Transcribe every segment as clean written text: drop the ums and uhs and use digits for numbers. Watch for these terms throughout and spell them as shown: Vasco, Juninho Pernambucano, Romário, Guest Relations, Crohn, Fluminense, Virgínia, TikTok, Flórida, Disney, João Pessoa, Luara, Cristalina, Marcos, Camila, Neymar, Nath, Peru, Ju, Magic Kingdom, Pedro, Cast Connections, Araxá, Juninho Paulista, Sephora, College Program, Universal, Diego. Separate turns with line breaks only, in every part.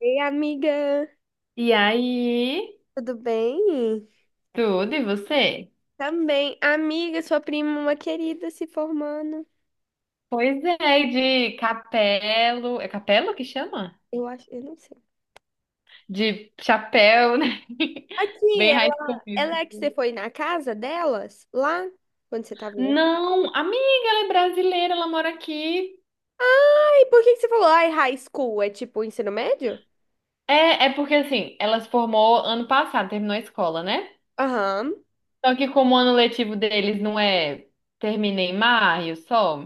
Ei, amiga,
E aí,
tudo bem?
tudo e você?
Também, amiga, sua prima, uma querida, se formando.
Pois é, de capelo. É capelo que chama?
Eu acho, eu não sei.
De chapéu, né?
Aqui,
Bem high school
ela é que
music.
você foi na casa delas, lá, quando você tava lá.
Não, amiga, ela é brasileira, ela mora aqui.
Ai, por que que você falou, ai, high school, é tipo ensino médio?
É porque assim, ela se formou ano passado, terminou a escola, né?
Aham,
Só que como o ano letivo deles não é termina em maio só,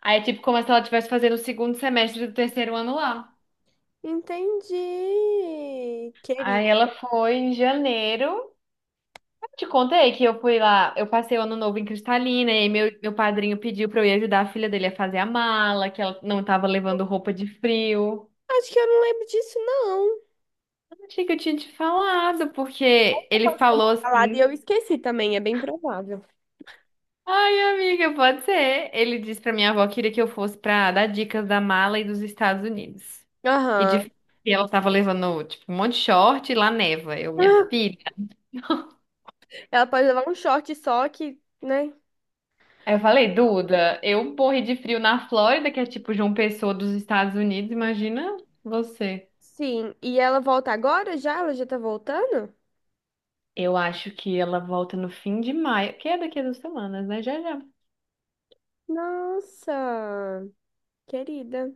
aí é tipo como se ela estivesse fazendo o segundo semestre do terceiro ano lá.
entendi,
Aí
querida.
ela foi em janeiro. Te contei que eu fui lá, eu passei o ano novo em Cristalina e meu padrinho pediu pra eu ir ajudar a filha dele a fazer a mala, que ela não tava levando roupa de frio.
Acho que eu não lembro disso, não.
Eu achei que eu tinha te falado, porque ele
Pode ter
falou
falado e
assim:
eu esqueci também, é bem provável.
Ai, amiga, pode ser. Ele disse pra minha avó que queria que eu fosse pra dar dicas da mala e dos Estados Unidos. E
Aham.
de e ela tava levando, tipo, um monte de short e lá neva. Eu, minha filha.
Ela pode levar um short só que, né?
Aí eu falei, Duda, eu morri de frio na Flórida, que é tipo João Pessoa dos Estados Unidos, imagina você.
Sim, e ela volta agora já? Ela já tá voltando?
Eu acho que ela volta no fim de maio, que é daqui a 2 semanas, né? Já já.
Nossa, querida.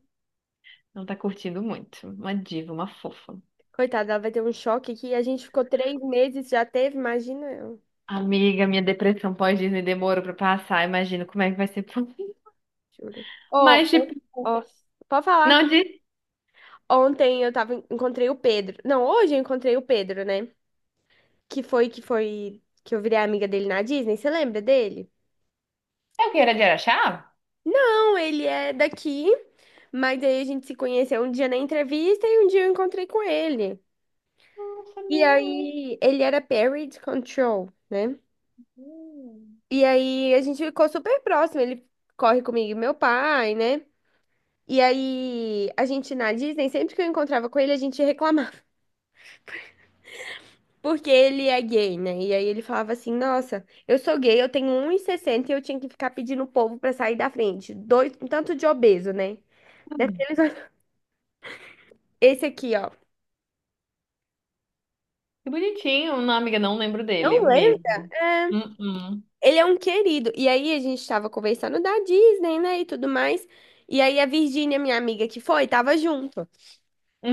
Ela tá curtindo muito. Uma diva, uma fofa.
Coitada, ela vai ter um choque aqui. A gente ficou 3 meses, já teve, imagina eu,
Amiga, minha depressão pós-Disney demorou pra passar. Imagino como é que vai ser por mim.
juro. Ô,
Mas, tipo,
ó, pode falar.
não disse.
Ontem eu tava, encontrei o Pedro. Não, hoje eu encontrei o Pedro, né? Que foi que eu virei amiga dele na Disney. Você lembra dele?
É o que era de Araxá?
Não, ele é daqui, mas aí a gente se conheceu um dia na entrevista e um dia eu encontrei com ele.
Não, não
E
sabia não.
aí, ele era parent control, né?
Hum.
E aí, a gente ficou super próximo. Ele corre comigo e meu pai, né? E aí, a gente na Disney, sempre que eu encontrava com ele, a gente reclamava. Porque ele é gay, né? E aí ele falava assim: nossa, eu sou gay, eu tenho 1,60 e sessenta e eu tinha que ficar pedindo o povo pra sair da frente. Dois, um tanto de obeso, né? Daqueles- Esse aqui, ó.
Que bonitinho. Não, amiga, não lembro dele
Não lembra?
mesmo.
É.
Uhum.
Ele é um querido. E aí a gente tava conversando da Disney, né, e tudo mais. E aí a Virgínia, minha amiga que foi, tava junto.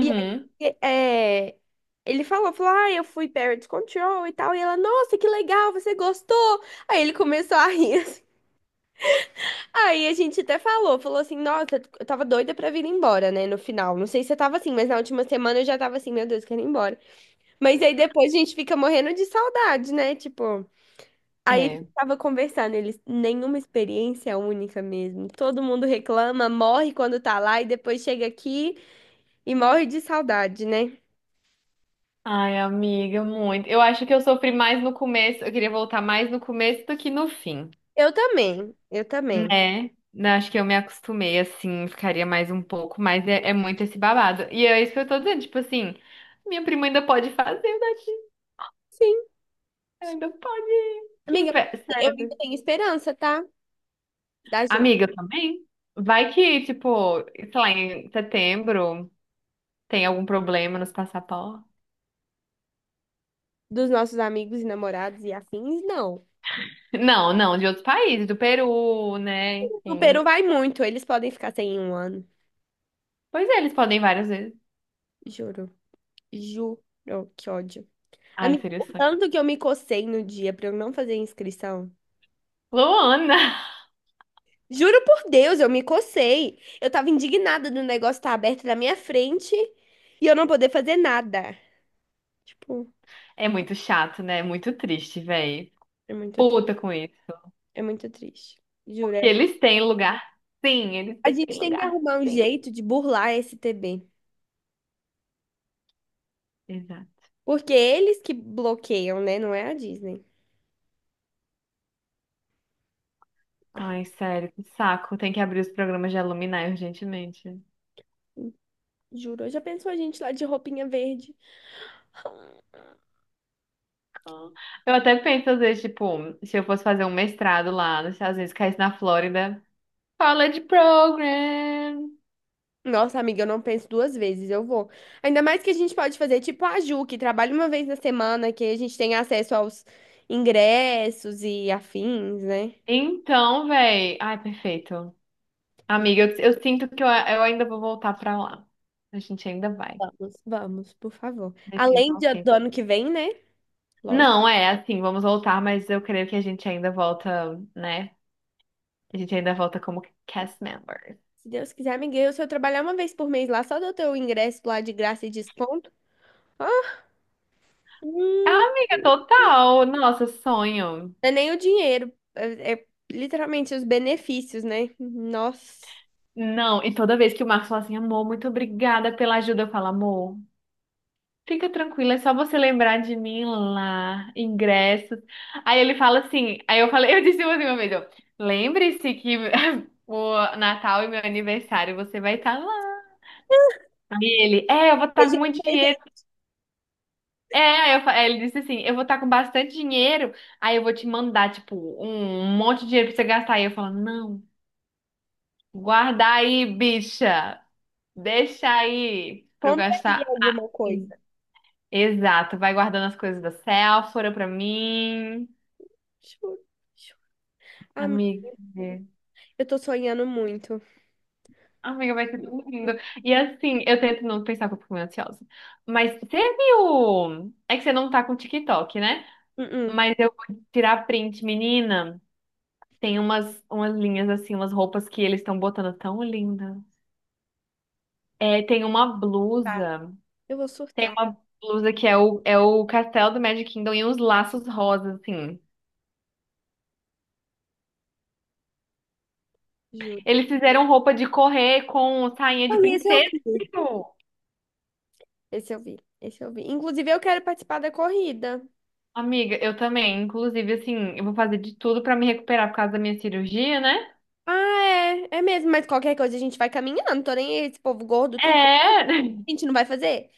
E aí, é, ele falou, ah, eu fui Parent Control e tal. E ela, nossa, que legal, você gostou? Aí ele começou a rir assim. Aí a gente até falou, assim, nossa, eu tava doida pra vir embora, né, no final. Não sei se você tava assim, mas na última semana eu já tava assim, meu Deus, quero ir embora. Mas aí depois a gente fica morrendo de saudade, né, tipo... Aí
É.
tava conversando, eles, nenhuma experiência é única mesmo. Todo mundo reclama, morre quando tá lá e depois chega aqui e morre de saudade, né?
Ai, amiga, muito. Eu acho que eu sofri mais no começo. Eu queria voltar mais no começo do que no fim.
Eu também, eu também.
Né? Não, acho que eu me acostumei, assim, ficaria mais um pouco, mas é muito esse babado. E é isso que eu tô dizendo, tipo assim, minha prima ainda pode fazer, Nath,
Sim.
ela ainda pode. Que
Amiga,
inveja,
eu ainda
sério.
tenho esperança, tá? Da gente,
Amiga também? Vai que, tipo, sei lá, em setembro tem algum problema nos passaportes.
dos nossos amigos e namorados e afins, não.
Não, não, de outros países, do Peru, né?
O Peru
Enfim.
vai muito, eles podem ficar sem em um ano.
Pois é, eles podem várias vezes.
Juro, juro, que ódio.
Ai,
Amiga,
seria o
o
sonho.
tanto que eu me cocei no dia pra eu não fazer inscrição.
Luana!
Juro por Deus, eu me cocei. Eu tava indignada do negócio estar aberto na minha frente e eu não poder fazer nada. Tipo,
É muito chato, né? É muito triste, véi.
é muito, tri-
Puta com isso.
é muito triste. Juro.
Que eles têm lugar. Sim, eles
A
têm
gente tem que
lugar.
arrumar um
Sim.
jeito de burlar esse TB.
Exato.
Porque eles que bloqueiam, né? Não é a Disney.
Ai, sério, que saco. Tem que abrir os programas de alumni urgentemente.
Juro, já pensou a gente lá de roupinha verde?
Ah. Eu até penso, às vezes, tipo, se eu fosse fazer um mestrado lá nos Estados Unidos, caísse na Flórida. College Program.
Nossa, amiga, eu não penso duas vezes, eu vou. Ainda mais que a gente pode fazer tipo a Ju, que trabalha uma vez na semana, que a gente tem acesso aos ingressos e afins, né?
Então, véi. Ai, perfeito. Amiga, eu sinto que eu ainda vou voltar pra lá. A gente ainda vai.
Vamos, vamos, por favor.
De tempo
Além
ao
do
tempo.
ano que vem, né? Lógico.
Não, é assim, vamos voltar, mas eu creio que a gente ainda volta, né? A gente ainda volta como cast member.
Se Deus quiser, amiguinho, se eu trabalhar uma vez por mês lá, só do teu ingresso lá de graça e desconto, ah,
Ah,
hum,
amiga, total. Nossa, sonho.
não é nem o dinheiro, é literalmente os benefícios, né? Nossa.
Não, e toda vez que o Marcos fala assim, amor, muito obrigada pela ajuda, eu falo, amor, fica tranquila, é só você lembrar de mim lá, ingressos. Aí ele fala assim, aí eu falei, eu disse assim uma vez, ó, lembre-se que o Natal e meu aniversário você vai estar lá. E ele, eu vou estar com
Seja um
muito
presente,
dinheiro. É, ele disse assim, eu vou estar com bastante dinheiro, aí eu vou te mandar, tipo, um monte de dinheiro pra você gastar. Aí eu falo, não, guarda aí, bicha, deixa aí pra eu
compraria
gastar
alguma
aqui.
coisa.
Exato, vai guardando as coisas da Sephora pra mim.
Juro, juro. Amiga,
Amiga, é.
eu tô sonhando muito.
Amiga, vai ser tudo lindo. E assim, eu tento não pensar que eu fico meio ansiosa. Mas você viu? É que você não tá com TikTok, né?
Uh-uh,
Mas eu vou tirar print, menina. Tem umas linhas assim, umas roupas que eles estão botando tão lindas. É, tem uma
tá.
blusa,
Eu vou
tem
surtar,
uma blusa que é o, é o castelo do Magic Kingdom e uns laços rosas, assim.
juro.
Eles fizeram roupa de correr com sainha
Ah,
de
esse eu
princesa.
vi.
Viu?
Esse eu vi, esse eu vi. Inclusive, eu quero participar da corrida.
Amiga, eu também. Inclusive, assim, eu vou fazer de tudo pra me recuperar por causa da minha cirurgia, né?
Ah, é, é mesmo, mas qualquer coisa a gente vai caminhando. Tô nem aí, esse povo gordo, tudo
É,
a gente não vai fazer.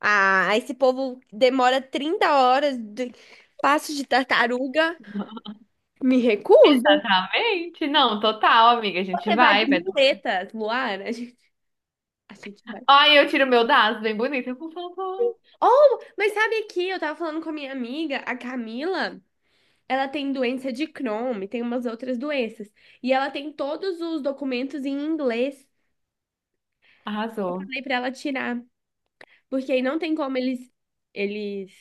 Ah, esse povo demora 30 horas de passo de tartaruga. Me recuso.
exatamente. Não, total, amiga. A gente
Você vai de
vai, vai.
muletas, Luara. A gente vai.
Ai, eu tiro meu daço, bem bonito. Por favor.
Oh, mas sabe aqui, eu tava falando com a minha amiga, a Camila. Ela tem doença de Crohn e tem umas outras doenças. E ela tem todos os documentos em inglês.
Arrasou.
Falei pra ela tirar, porque aí não tem como eles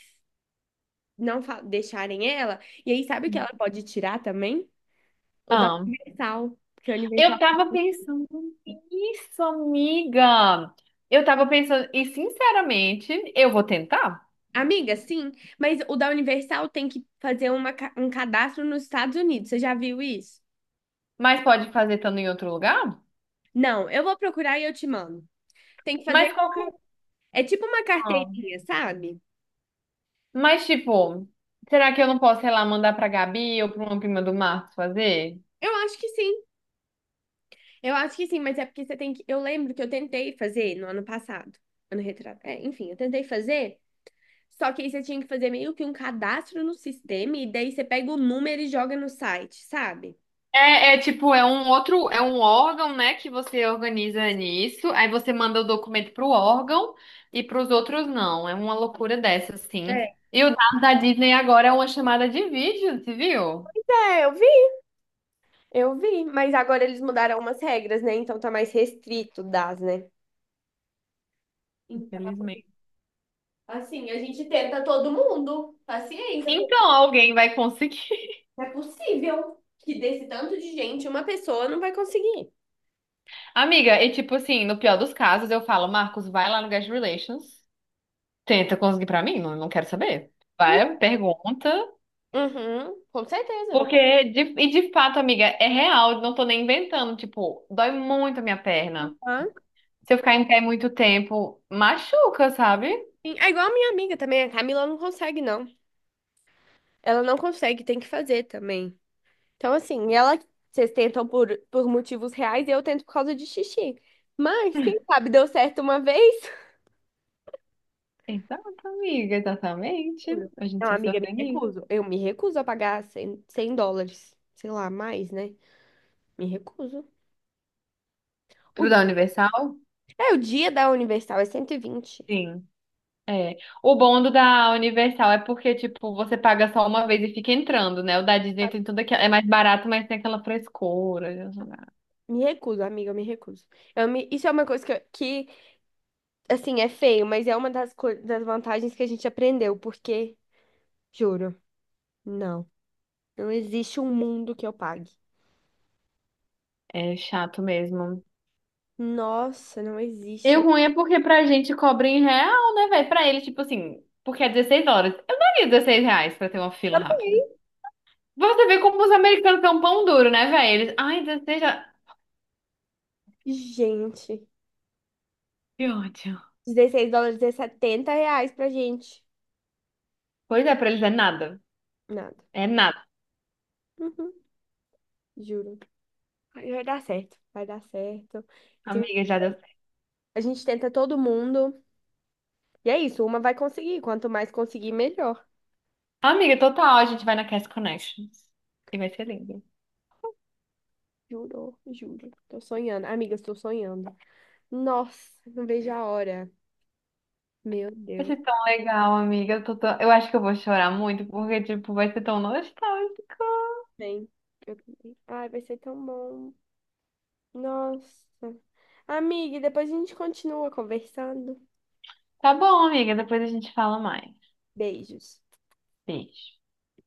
não fa- deixarem ela. E aí, sabe o que ela pode tirar também? O da
Amo.
Universal. Porque a Universal.
Eu tava pensando nisso, amiga. Eu tava pensando, e sinceramente, eu vou tentar,
Amiga, sim, mas o da Universal tem que fazer um cadastro nos Estados Unidos. Você já viu isso?
mas pode fazer estando em outro lugar?
Não, eu vou procurar e eu te mando. Tem que fazer.
Mas qualquer.
É tipo uma
Não.
carteirinha, sabe?
Mas tipo, será que eu não posso, sei lá, mandar pra Gabi ou pra uma prima do Marcos fazer?
Eu acho que sim. Eu acho que sim, mas é porque você tem que. Eu lembro que eu tentei fazer no ano passado. Ano retrasado. É, enfim, eu tentei fazer. Só que aí você tinha que fazer meio que um cadastro no sistema e daí você pega o número e joga no site, sabe?
É tipo, é um outro, é um órgão, né, que você organiza nisso, aí você manda o documento pro órgão e pros outros não. É uma loucura dessa, assim.
É.
E o dado da Disney agora é uma chamada de vídeo, você viu?
É, eu vi, mas agora eles mudaram umas regras, né? Então tá mais restrito das, né? Então,
Infelizmente.
assim, a gente tenta todo mundo. Paciência,
Então alguém vai conseguir.
é possível que desse tanto de gente, uma pessoa não vai conseguir.
Amiga, e tipo assim, no pior dos casos, eu falo, Marcos, vai lá no Guest Relations, tenta conseguir pra mim, não, não quero saber. Vai, pergunta.
Uhum, com certeza.
Porque, e de fato, amiga, é real, não tô nem inventando. Tipo, dói muito a minha perna.
Ah,
Se eu ficar em pé muito tempo, machuca, sabe?
sim. É igual a minha amiga também, a Camila não consegue, não. Ela não consegue, tem que fazer também. Então, assim, vocês tentam por motivos reais e eu tento por causa de xixi. Mas, quem sabe, deu certo uma vez?
Exato, amiga, exatamente.
Juro.
A
Não,
gente se
amiga, me
organiza.
recuso. Eu me recuso a pagar 100 100 dólares. Sei lá, mais, né? Me recuso.
Pro
O,
da Universal?
o dia da Universal é 120.
Sim. É. O bom do da Universal é porque, tipo, você paga só uma vez e fica entrando, né? O da Disney tem tudo aquilo. É mais barato, mas tem aquela frescura.
Me recuso, amiga, eu me recuso. Isso é uma coisa que, assim, é feio, mas é uma das vantagens que a gente aprendeu, porque, juro, não. Não existe um mundo que eu pague.
É chato mesmo.
Nossa, não
E o
existe.
ruim é porque pra gente cobra em real, né, velho? Pra ele, tipo assim, porque é 16 horas. Eu daria R$ 16 pra ter uma fila rápida. Você vê como os americanos são pão duro, né, velho? Eles, ai, 16, já.
Gente,
Que ódio.
US$ 16 é R$ 70 pra gente.
Pois é, pra eles é nada.
Nada.
É nada.
Uhum, juro. Mas vai dar certo, vai dar certo. Eu tenho-
Amiga, já deu certo.
A gente tenta todo mundo. E é isso, uma vai conseguir. Quanto mais conseguir, melhor.
Amiga, total, a gente vai na Cast Connections. E vai ser lindo.
Juro, juro. Tô sonhando. Amiga, estou sonhando. Nossa, não vejo a hora. Meu
Vai
Deus.
ser tão legal, amiga. Eu acho que eu vou chorar muito, porque, tipo, vai ser tão nostálgico.
Vem. Eu também. Ai, vai ser tão bom. Nossa. Amiga, e depois a gente continua conversando.
Tá bom, amiga. Depois a gente fala mais.
Beijos.
Beijo.